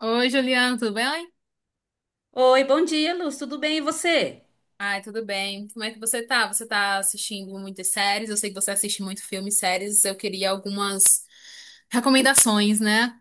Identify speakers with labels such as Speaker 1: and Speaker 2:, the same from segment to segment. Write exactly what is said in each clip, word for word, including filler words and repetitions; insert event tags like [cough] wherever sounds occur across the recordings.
Speaker 1: Oi, Juliana, tudo bem?
Speaker 2: Oi, bom dia, Luz. Tudo bem e você?
Speaker 1: Ai, tudo bem. Como é que você tá? Você tá assistindo muitas séries? Eu sei que você assiste muito filme e séries. Eu queria algumas recomendações, né?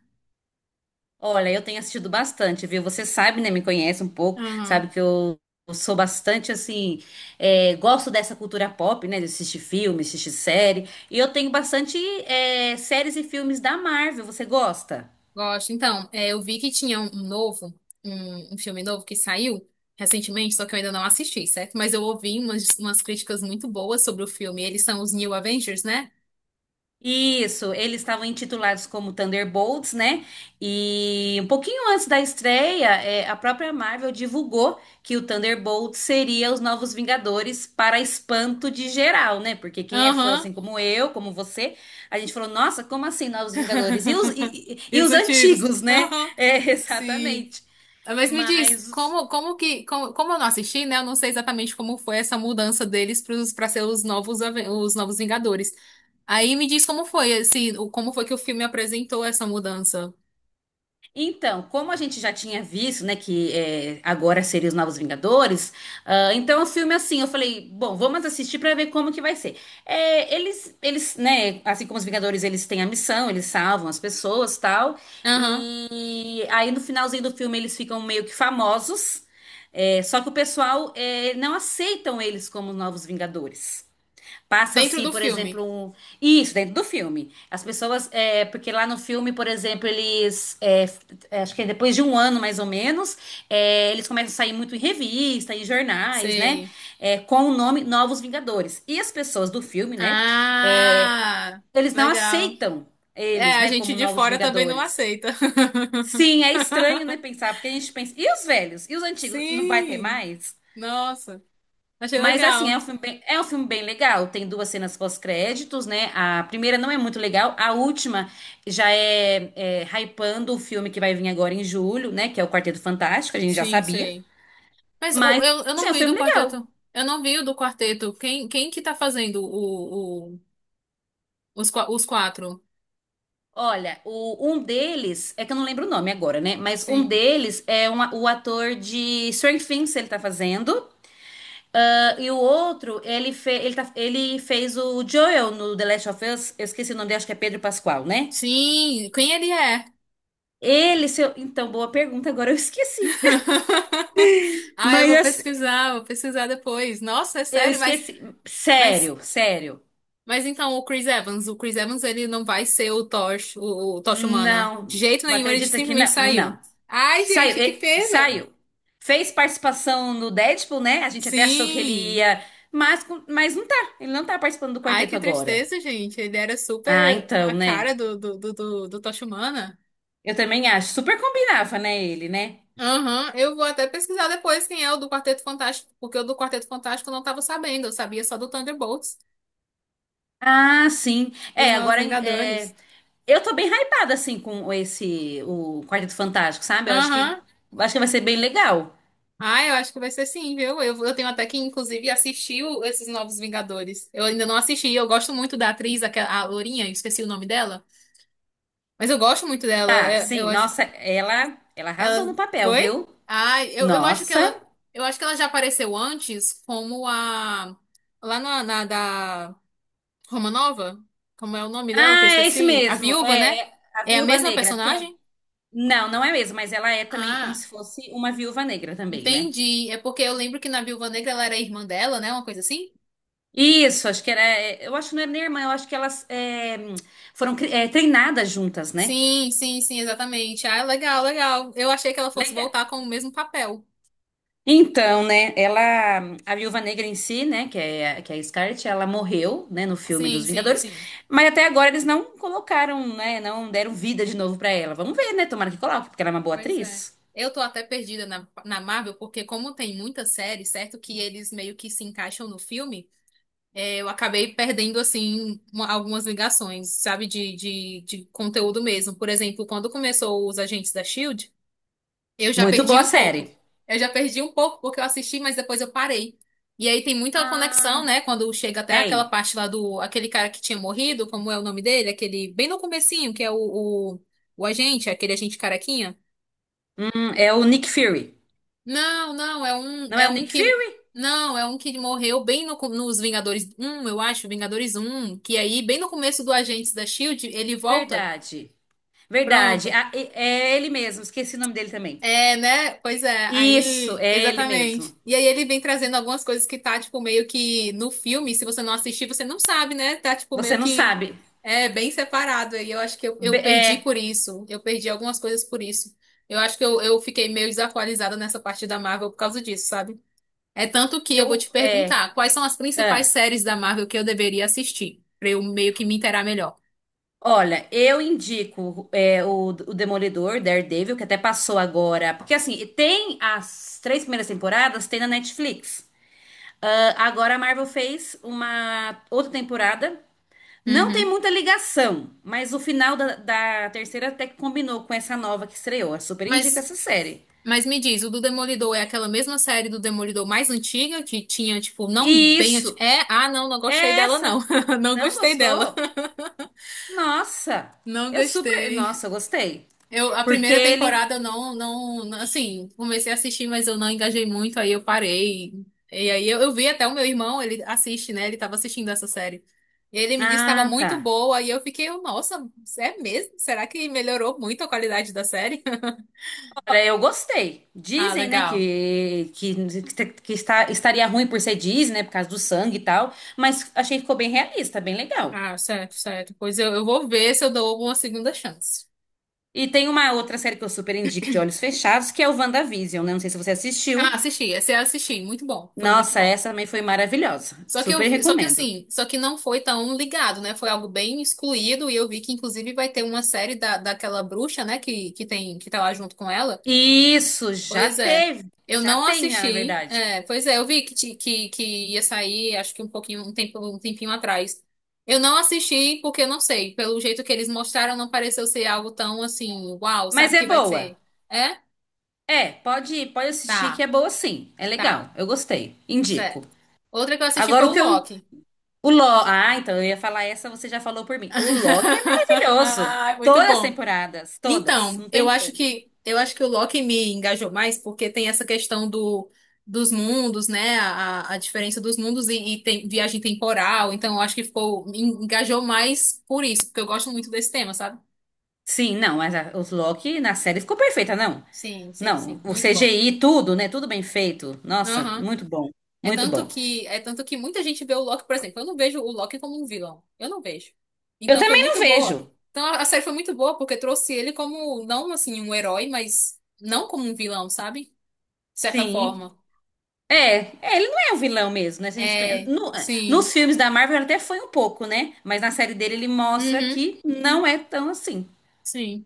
Speaker 2: Olha, eu tenho assistido bastante, viu? Você sabe, né? Me conhece um pouco, sabe
Speaker 1: Aham,
Speaker 2: que eu eu sou bastante assim, é, gosto dessa cultura pop, né? De assistir filme, assistir série. E eu tenho bastante é, séries e filmes da Marvel. Você gosta?
Speaker 1: gosto. Então, é, eu vi que tinha um um novo, um, um filme novo que saiu recentemente, só que eu ainda não assisti, certo? Mas eu ouvi umas, umas críticas muito boas sobre o filme. Eles são os New Avengers, né?
Speaker 2: Isso, eles estavam intitulados como Thunderbolts, né? E um pouquinho antes da estreia, é, a própria Marvel divulgou que o Thunderbolts seria os novos Vingadores para espanto de geral, né? Porque quem é fã,
Speaker 1: Aham.
Speaker 2: assim como eu, como você, a gente falou, nossa, como assim novos Vingadores? E os,
Speaker 1: [laughs]
Speaker 2: e, e-
Speaker 1: E
Speaker 2: e
Speaker 1: os
Speaker 2: os
Speaker 1: antigos?
Speaker 2: antigos, né?
Speaker 1: Aham.
Speaker 2: É, [laughs]
Speaker 1: Sim.
Speaker 2: exatamente.
Speaker 1: Ah, mas me diz,
Speaker 2: Mas
Speaker 1: como, como que, como, como eu não assisti, né? Eu não sei exatamente como foi essa mudança deles para ser os novos, Aven- os novos Vingadores. Aí me diz como foi, esse, o- como foi que o filme apresentou essa mudança.
Speaker 2: Então, como a gente já tinha visto, né, que é, agora seria os Novos Vingadores, ah, então o filme é assim, eu falei, bom, vamos assistir pra ver como que vai ser. É, eles, eles, né, assim como os Vingadores, eles têm a missão, eles salvam as pessoas, tal.
Speaker 1: Aham.
Speaker 2: E aí no finalzinho do filme eles ficam meio que famosos, é, só que o pessoal é, não aceitam eles como os Novos Vingadores.
Speaker 1: Dentro
Speaker 2: Passa-se,
Speaker 1: do
Speaker 2: por exemplo,
Speaker 1: filme.
Speaker 2: um isso dentro do filme. As pessoas, é, porque lá no filme, por exemplo, eles, é, f- é, acho que é depois de um ano mais ou menos, é, eles começam a sair muito em revista, em jornais, né?
Speaker 1: Sei.
Speaker 2: É, com o nome Novos Vingadores. E as pessoas do filme, né? é,
Speaker 1: Ah,
Speaker 2: eles não
Speaker 1: legal.
Speaker 2: aceitam
Speaker 1: É,
Speaker 2: eles,
Speaker 1: a
Speaker 2: né?
Speaker 1: gente
Speaker 2: Como
Speaker 1: de
Speaker 2: Novos
Speaker 1: fora também não
Speaker 2: Vingadores.
Speaker 1: aceita. [laughs]
Speaker 2: Sim, é estranho, né? Pensar, porque a gente pensa, e os velhos? E os antigos? Não vai ter
Speaker 1: Sim.
Speaker 2: mais?
Speaker 1: Nossa, achei
Speaker 2: Mas assim, é
Speaker 1: legal.
Speaker 2: um filme bem, é um filme bem legal. Tem duas cenas pós-créditos, né? A primeira não é muito legal, a última já é, é hypando o filme que vai vir agora em julho, né? Que é o Quarteto Fantástico, a gente já
Speaker 1: Sim,
Speaker 2: sabia.
Speaker 1: sei. Mas o-
Speaker 2: Mas
Speaker 1: eu, eu
Speaker 2: assim,
Speaker 1: não
Speaker 2: é um
Speaker 1: vi do
Speaker 2: filme legal.
Speaker 1: quarteto. Eu não vi o do quarteto. Quem, quem que tá fazendo o, os, qua- os quatro.
Speaker 2: Olha, o, um deles, é que eu não lembro o nome agora, né? Mas um
Speaker 1: Sim.
Speaker 2: deles é um a- o ator de Stranger Things, ele tá fazendo. Ah, e o outro, ele, fe, ele, tá- ele fez o Joel no The Last of Us. Eu esqueci o nome dele, acho que é Pedro Pascal, né?
Speaker 1: Sim, quem ele é?
Speaker 2: Ele, seu. Então, boa pergunta, agora eu esqueci.
Speaker 1: [laughs] Ah, eu
Speaker 2: Mas
Speaker 1: vou
Speaker 2: assim,
Speaker 1: pesquisar, vou pesquisar depois. Nossa, é
Speaker 2: eu
Speaker 1: sério, mas,
Speaker 2: esqueci.
Speaker 1: mas,
Speaker 2: Sério, sério.
Speaker 1: mas então o Chris Evans, o Chris Evans, ele não vai ser o Tosh, o, o Tocha Humana. De
Speaker 2: Não.
Speaker 1: jeito nenhum, ele
Speaker 2: Acredita que
Speaker 1: simplesmente
Speaker 2: não?
Speaker 1: saiu.
Speaker 2: Não.
Speaker 1: Ai,
Speaker 2: Saiu,
Speaker 1: gente, que
Speaker 2: e-
Speaker 1: pena.
Speaker 2: saiu. Fez participação no Deadpool, né? A gente até achou que ele
Speaker 1: Sim!
Speaker 2: ia. Mas, com- mas não tá. Ele não tá participando do
Speaker 1: Ai,
Speaker 2: quarteto
Speaker 1: que
Speaker 2: agora.
Speaker 1: tristeza, gente. Ele era
Speaker 2: Ah,
Speaker 1: super a
Speaker 2: então,
Speaker 1: cara
Speaker 2: né?
Speaker 1: do, do, do, do, do Tocha Humana.
Speaker 2: Eu também acho. Super combinava, né, ele, né?
Speaker 1: Aham, eu vou até pesquisar depois quem é o do Quarteto Fantástico, porque o do Quarteto Fantástico eu não estava sabendo, eu sabia só do Thunderbolts,
Speaker 2: Ah, sim.
Speaker 1: dos
Speaker 2: É,
Speaker 1: Novos
Speaker 2: agora é,
Speaker 1: Vingadores.
Speaker 2: eu tô bem hypada assim com esse o Quarteto Fantástico, sabe? Eu acho que
Speaker 1: Aham,
Speaker 2: acho que vai ser bem legal.
Speaker 1: ah, eu acho que vai ser sim, viu? Eu, eu tenho até que, inclusive, assistir o- esses Novos Vingadores. Eu ainda não assisti, eu gosto muito da atriz, aquela, a Lourinha, eu esqueci o nome dela, mas eu gosto muito dela,
Speaker 2: Tá,
Speaker 1: é- eu,
Speaker 2: sim.
Speaker 1: acho.
Speaker 2: Nossa, ela ela arrasou
Speaker 1: Ela
Speaker 2: no papel,
Speaker 1: foi?
Speaker 2: viu?
Speaker 1: ah eu, eu acho que ela,
Speaker 2: Nossa.
Speaker 1: eu acho que ela já apareceu antes como a. Lá na, na da. Romanova? Como é o nome dela que eu
Speaker 2: Ah, é isso
Speaker 1: esqueci? A
Speaker 2: mesmo.
Speaker 1: viúva,
Speaker 2: É,
Speaker 1: né?
Speaker 2: é a
Speaker 1: É a
Speaker 2: Viúva
Speaker 1: mesma
Speaker 2: Negra. Tem-
Speaker 1: personagem?
Speaker 2: não, não é mesmo, mas ela é também como se
Speaker 1: Ah,
Speaker 2: fosse uma Viúva Negra também, né?
Speaker 1: entendi. É porque eu lembro que na Viúva Negra ela era irmã dela, né? Uma coisa assim?
Speaker 2: Isso, acho que era. é, Eu acho que não era nem irmã, eu acho que elas é, foram cri- é, treinadas juntas, né?
Speaker 1: Sim, sim, sim, exatamente. Ah, legal, legal. Eu achei que ela fosse voltar com o mesmo papel.
Speaker 2: Então, né, ela, a Viúva Negra em si, né, que é, a- que é a Scarlett, ela morreu, né, no filme
Speaker 1: Sim,
Speaker 2: dos
Speaker 1: sim,
Speaker 2: Vingadores,
Speaker 1: sim.
Speaker 2: mas até agora eles não colocaram, né, não deram vida de novo pra ela. Vamos ver, né, tomara que coloque, porque ela é uma boa
Speaker 1: Pois é.
Speaker 2: atriz.
Speaker 1: Eu tô até perdida na, na Marvel, porque como tem muita série, certo? Que eles meio que se encaixam no filme. É, eu acabei perdendo, assim, uma- algumas ligações, sabe, de, de, de conteúdo mesmo. Por exemplo, quando começou os Agentes da Shield, eu já
Speaker 2: Muito
Speaker 1: perdi
Speaker 2: boa a
Speaker 1: um pouco.
Speaker 2: série.
Speaker 1: Eu já perdi um pouco porque eu assisti, mas depois eu parei. E aí tem muita conexão,
Speaker 2: Ah,
Speaker 1: né? Quando chega até aquela
Speaker 2: tem.
Speaker 1: parte lá do, aquele cara que tinha morrido, como é o nome dele? Aquele, bem no comecinho, que é o, o, o agente, aquele agente carequinha.
Speaker 2: Hum, é o Nick Fury.
Speaker 1: Não, não, é um,
Speaker 2: Não é
Speaker 1: é
Speaker 2: o
Speaker 1: um
Speaker 2: Nick
Speaker 1: que.
Speaker 2: Fury?
Speaker 1: Não, é um que morreu bem no co- nos Vingadores um, eu acho, Vingadores um, que aí, bem no começo do Agentes da Shield, ele volta.
Speaker 2: Verdade. Verdade.
Speaker 1: Pronto.
Speaker 2: Ah, e- é ele mesmo, esqueci o nome dele também.
Speaker 1: É, né? Pois é,
Speaker 2: Isso,
Speaker 1: aí,
Speaker 2: é ele mesmo.
Speaker 1: exatamente. E aí ele vem trazendo algumas coisas que tá, tipo, meio que no filme, se você não assistir, você não sabe, né? Tá, tipo,
Speaker 2: Você
Speaker 1: meio
Speaker 2: não
Speaker 1: que
Speaker 2: sabe.
Speaker 1: é bem separado. E eu acho que eu,
Speaker 2: Be-
Speaker 1: eu perdi por
Speaker 2: é,
Speaker 1: isso. Eu perdi algumas coisas por isso. Eu acho que eu, eu fiquei meio desatualizada nessa parte da Marvel por causa disso, sabe? É tanto que eu vou
Speaker 2: eu,
Speaker 1: te
Speaker 2: é,
Speaker 1: perguntar quais são as principais
Speaker 2: ah.
Speaker 1: séries da Marvel que eu deveria assistir, pra eu meio que me inteirar melhor.
Speaker 2: Olha, eu indico é, o, o Demolidor, Daredevil, que até passou agora. Porque assim, tem as três primeiras temporadas, tem na Netflix. Ah, agora a Marvel fez uma outra temporada. Não tem
Speaker 1: Uhum.
Speaker 2: muita ligação, mas o final da, da terceira até que combinou com essa nova que estreou. Eu super indico
Speaker 1: Mas,
Speaker 2: essa série.
Speaker 1: mas me diz, o do Demolidor é aquela mesma série do Demolidor mais antiga que tinha, tipo, não
Speaker 2: E
Speaker 1: bem antiga.
Speaker 2: isso,
Speaker 1: É, ah, não, não gostei
Speaker 2: é
Speaker 1: dela,
Speaker 2: essa.
Speaker 1: não. [laughs] Não
Speaker 2: Não
Speaker 1: gostei dela.
Speaker 2: gostou?
Speaker 1: [laughs]
Speaker 2: Nossa,
Speaker 1: Não
Speaker 2: eu super.
Speaker 1: gostei.
Speaker 2: Nossa, eu gostei.
Speaker 1: Eu, a
Speaker 2: Porque
Speaker 1: primeira
Speaker 2: ele.
Speaker 1: temporada eu não, não, não- assim, comecei a assistir, mas eu não engajei muito, aí eu parei. E aí eu, eu vi até o meu irmão, ele assiste, né? Ele tava assistindo essa série. Ele me disse que estava
Speaker 2: Ah, tá.
Speaker 1: muito boa, e eu fiquei, nossa, é mesmo? Será que melhorou muito a qualidade da série? [laughs]
Speaker 2: Cara, eu gostei.
Speaker 1: Ah,
Speaker 2: Dizem, né,
Speaker 1: legal.
Speaker 2: que, que, que está, estaria ruim por ser Disney, né, por causa do sangue e tal, mas achei que ficou bem realista, bem legal.
Speaker 1: Ah, certo, certo. Pois eu, eu vou ver se eu dou uma segunda chance.
Speaker 2: E tem uma outra série que eu super indico de olhos fechados, que é o WandaVision, né? Não sei se você
Speaker 1: Ah,
Speaker 2: assistiu.
Speaker 1: assisti, esse eu assisti, muito bom, foi muito
Speaker 2: Nossa,
Speaker 1: bom.
Speaker 2: essa também foi maravilhosa.
Speaker 1: Só que eu
Speaker 2: Super
Speaker 1: vi, só que
Speaker 2: recomendo.
Speaker 1: assim, só que não foi tão ligado, né? Foi algo bem excluído e eu vi que inclusive vai ter uma série da, daquela bruxa, né, que, que tem que tá lá junto com ela.
Speaker 2: Isso, já
Speaker 1: Pois é.
Speaker 2: teve.
Speaker 1: Eu
Speaker 2: Já
Speaker 1: não
Speaker 2: tem, né, na
Speaker 1: assisti.
Speaker 2: verdade.
Speaker 1: É, pois é, eu vi que, ti- que, que ia sair, acho que um pouquinho, um tempo, um tempinho atrás. Eu não assisti porque eu não sei, pelo jeito que eles mostraram não pareceu ser algo tão assim, uau,
Speaker 2: Mas
Speaker 1: sabe
Speaker 2: é
Speaker 1: que vai
Speaker 2: boa.
Speaker 1: ser? É?
Speaker 2: É, pode, pode assistir que
Speaker 1: Tá,
Speaker 2: é boa sim. É
Speaker 1: tá.
Speaker 2: legal. Eu gostei. Indico.
Speaker 1: Certo. Outra que eu assisti foi
Speaker 2: Agora
Speaker 1: o
Speaker 2: o que eu
Speaker 1: Loki.
Speaker 2: O Loki. Ah, então eu ia falar essa, você já falou por mim. O Loki é
Speaker 1: [laughs]
Speaker 2: maravilhoso.
Speaker 1: Ai, muito
Speaker 2: Todas as
Speaker 1: bom.
Speaker 2: temporadas, todas.
Speaker 1: Então,
Speaker 2: Não
Speaker 1: eu
Speaker 2: tem
Speaker 1: acho
Speaker 2: como.
Speaker 1: que eu acho que o Loki me engajou mais porque tem essa questão do, dos mundos, né? A, a diferença dos mundos e, e tem viagem temporal. Então, eu acho que ficou me engajou mais por isso, porque eu gosto muito desse tema, sabe?
Speaker 2: Sim, não, mas a, os Loki na série ficou perfeita, não.
Speaker 1: Sim, sim,
Speaker 2: Não,
Speaker 1: sim,
Speaker 2: o
Speaker 1: muito bom.
Speaker 2: C G I, tudo, né? Tudo bem feito. Nossa,
Speaker 1: Aham.
Speaker 2: muito bom.
Speaker 1: É
Speaker 2: Muito
Speaker 1: tanto
Speaker 2: bom.
Speaker 1: que é tanto que muita gente vê o Loki, por exemplo, eu não vejo o Loki como um vilão. Eu não vejo.
Speaker 2: Eu
Speaker 1: Então, foi
Speaker 2: também não
Speaker 1: muito boa.
Speaker 2: vejo.
Speaker 1: Então, a a série foi muito boa porque trouxe ele como não assim um herói, mas não como um vilão, sabe? De certa
Speaker 2: Sim.
Speaker 1: forma.
Speaker 2: É, é, ele não é um vilão mesmo, né? Se a gente, pen-
Speaker 1: É,
Speaker 2: no- eh,
Speaker 1: sim.
Speaker 2: nos filmes da Marvel ele até foi um pouco, né? Mas na série dele ele mostra
Speaker 1: Uhum,
Speaker 2: que não é tão assim.
Speaker 1: sim.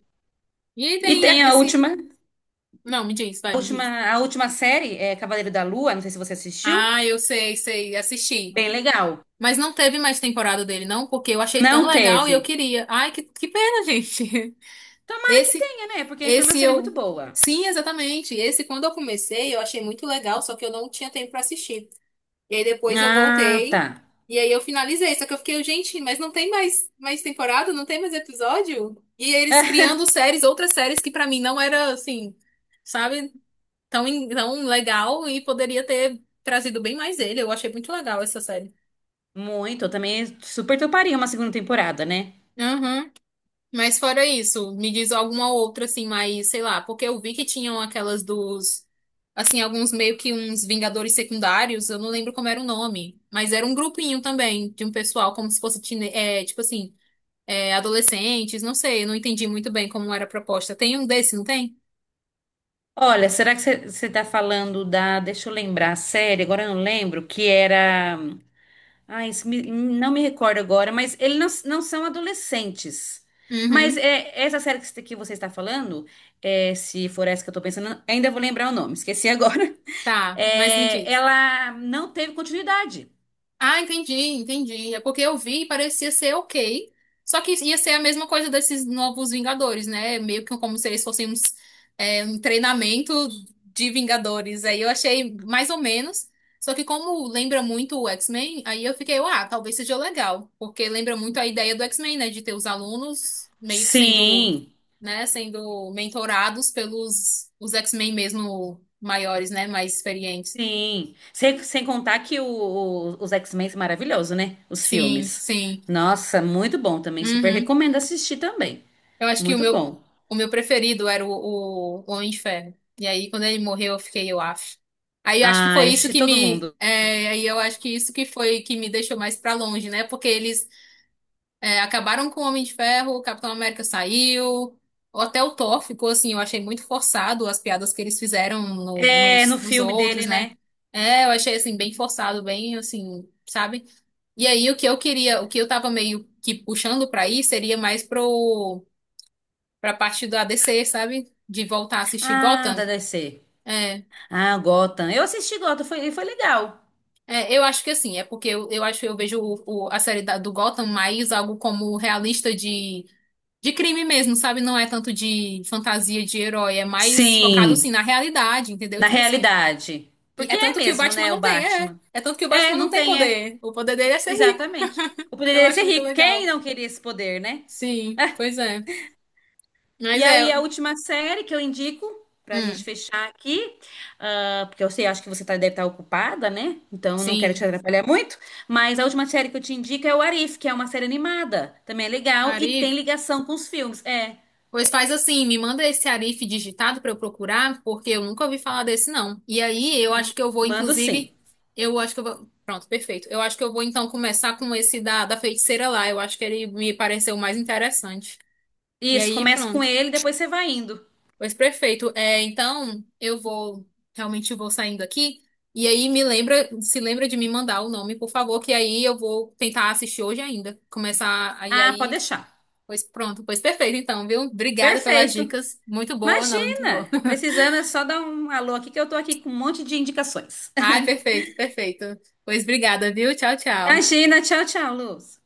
Speaker 1: E aí
Speaker 2: E
Speaker 1: tem
Speaker 2: tem a
Speaker 1: esse.
Speaker 2: última.
Speaker 1: Não, me diz, vai,
Speaker 2: A
Speaker 1: me
Speaker 2: última,
Speaker 1: diz.
Speaker 2: a última série é Cavaleiro da Lua, não sei se você assistiu.
Speaker 1: Ah, eu sei, sei, assisti.
Speaker 2: Bem legal.
Speaker 1: Mas não teve mais temporada dele, não, porque eu achei tão
Speaker 2: Não
Speaker 1: legal e eu
Speaker 2: teve.
Speaker 1: queria. Ai, que, que pena, gente. [laughs]
Speaker 2: Tomara que
Speaker 1: Esse,
Speaker 2: tenha, né? Porque foi uma
Speaker 1: esse
Speaker 2: série muito
Speaker 1: eu.
Speaker 2: boa.
Speaker 1: Sim, exatamente. Esse, quando eu comecei, eu achei muito legal, só que eu não tinha tempo pra assistir. E aí depois eu
Speaker 2: Ah, tá.
Speaker 1: voltei. E aí eu finalizei. Só que eu fiquei, gente, mas não tem mais, mais temporada? Não tem mais episódio? E eles
Speaker 2: [laughs]
Speaker 1: criando séries, outras séries que pra mim não era assim, sabe, tão, en- tão legal e poderia ter trazido bem mais ele. Eu achei muito legal essa série.
Speaker 2: Muito, eu também super toparia uma segunda temporada, né?
Speaker 1: Mas fora isso, me diz alguma outra assim, mais, sei lá, porque eu vi que tinham aquelas dos, assim, alguns meio que uns Vingadores secundários, eu não lembro como era o nome, mas era um grupinho também de um pessoal, como se fosse, tine- é, tipo assim, é, adolescentes, não sei, eu não entendi muito bem como era a proposta. Tem um desse, não tem?
Speaker 2: Olha, será que você tá falando da. Deixa eu lembrar a série, agora eu não lembro, que era. Ai, isso me- não me recordo agora, mas eles não, não são adolescentes. Mas
Speaker 1: Uhum,
Speaker 2: é, essa série que você que você está falando, é, se for essa que eu tô pensando, ainda vou lembrar o nome, esqueci [laughs] agora.
Speaker 1: tá, mas me
Speaker 2: é,
Speaker 1: diz.
Speaker 2: ela não teve continuidade.
Speaker 1: Ah, entendi, entendi. É porque eu vi e parecia ser ok. Só que ia ser a mesma coisa desses novos Vingadores, né? Meio que como se eles fossem uns, é, um treinamento de Vingadores. Aí eu achei mais ou menos. Só que como lembra muito o X-Men, aí eu fiquei, ah, talvez seja legal. Porque lembra muito a ideia do X-Men, né? De ter os alunos meio que sendo,
Speaker 2: Sim,
Speaker 1: né? Sendo mentorados pelos os X-Men mesmo maiores, né? Mais experientes.
Speaker 2: sim. Sem, sem contar que o- o- os X-Men são maravilhosos, né? Os
Speaker 1: Sim,
Speaker 2: filmes.
Speaker 1: sim.
Speaker 2: Nossa, muito bom também. Super
Speaker 1: Uhum.
Speaker 2: recomendo assistir também.
Speaker 1: Eu acho que o
Speaker 2: Muito
Speaker 1: meu,
Speaker 2: bom.
Speaker 1: o meu preferido era o, o Homem de Ferro. E aí, quando ele morreu, eu fiquei, eu acho. Aí eu acho que
Speaker 2: Ah,
Speaker 1: foi isso
Speaker 2: assisti
Speaker 1: que
Speaker 2: todo
Speaker 1: me.
Speaker 2: mundo.
Speaker 1: é, aí eu acho que isso que foi que me deixou mais pra longe, né? Porque eles é, acabaram com o Homem de Ferro, o Capitão América saiu, ou até o Thor ficou assim, eu achei muito forçado as piadas que eles fizeram no-
Speaker 2: É,
Speaker 1: nos,
Speaker 2: no
Speaker 1: nos
Speaker 2: filme
Speaker 1: outros,
Speaker 2: dele,
Speaker 1: né?
Speaker 2: né?
Speaker 1: É, eu achei assim, bem forçado, bem assim, sabe? E aí o que eu queria, o que eu tava meio que puxando pra ir seria mais pro pra parte do a ADC, sabe? De voltar a assistir
Speaker 2: Ah,
Speaker 1: Gotham.
Speaker 2: da D C.
Speaker 1: É,
Speaker 2: Ah, Gotham. Eu assisti Gotham, foi, foi legal.
Speaker 1: é, eu acho que assim, é porque eu, eu acho eu vejo o- o- a série da- do Gotham mais algo como realista de, de crime mesmo, sabe? Não é tanto de fantasia de herói, é mais focado
Speaker 2: Sim,
Speaker 1: assim na realidade, entendeu?
Speaker 2: na
Speaker 1: Tipo assim.
Speaker 2: realidade.
Speaker 1: E
Speaker 2: Porque
Speaker 1: é
Speaker 2: é
Speaker 1: tanto que o
Speaker 2: mesmo,
Speaker 1: Batman
Speaker 2: né, o
Speaker 1: não tem, é.
Speaker 2: Batman.
Speaker 1: É tanto que o
Speaker 2: É,
Speaker 1: Batman não
Speaker 2: não
Speaker 1: tem
Speaker 2: tem, é.
Speaker 1: poder. O poder dele é ser rico.
Speaker 2: Exatamente. O poder
Speaker 1: Então eu
Speaker 2: dele é
Speaker 1: acho
Speaker 2: ser
Speaker 1: muito
Speaker 2: rico. Quem
Speaker 1: legal.
Speaker 2: não queria esse poder, né?
Speaker 1: Sim, pois é. Mas
Speaker 2: E aí,
Speaker 1: é.
Speaker 2: a última série que eu indico, pra gente
Speaker 1: Hum,
Speaker 2: fechar aqui, ah, porque eu sei, acho que você tá, deve estar ocupada, né? Então, eu não quero te
Speaker 1: sim.
Speaker 2: atrapalhar muito. Mas a última série que eu te indico é o Arif, que é uma série animada. Também é legal e tem
Speaker 1: Arif.
Speaker 2: ligação com os filmes. É,
Speaker 1: Pois faz assim, me manda esse Arif digitado para eu procurar, porque eu nunca ouvi falar desse não. E aí, eu acho que eu vou,
Speaker 2: mando sim.
Speaker 1: inclusive, eu acho que eu vou. Pronto, perfeito. Eu acho que eu vou então começar com esse da, da feiticeira lá. Eu acho que ele me pareceu mais interessante. E
Speaker 2: Isso,
Speaker 1: aí,
Speaker 2: começa com
Speaker 1: pronto.
Speaker 2: ele, depois você vai indo.
Speaker 1: Pois perfeito. É, então, eu vou, realmente vou saindo aqui. E aí, me lembra, se lembra de me mandar o nome, por favor, que aí eu vou tentar assistir hoje ainda. Começar, aí
Speaker 2: Ah, pode
Speaker 1: aí
Speaker 2: deixar.
Speaker 1: pois pronto, pois perfeito então, viu? Obrigada pelas
Speaker 2: Perfeito.
Speaker 1: dicas. Muito boa, não, muito
Speaker 2: Imagina!
Speaker 1: boa. [laughs]
Speaker 2: Precisando é só dar um alô aqui, que eu tô aqui com um monte de indicações.
Speaker 1: Ai,
Speaker 2: [laughs]
Speaker 1: perfeito, perfeito. Pois obrigada, viu? Tchau, tchau.
Speaker 2: Imagina, tchau, tchau, Luz.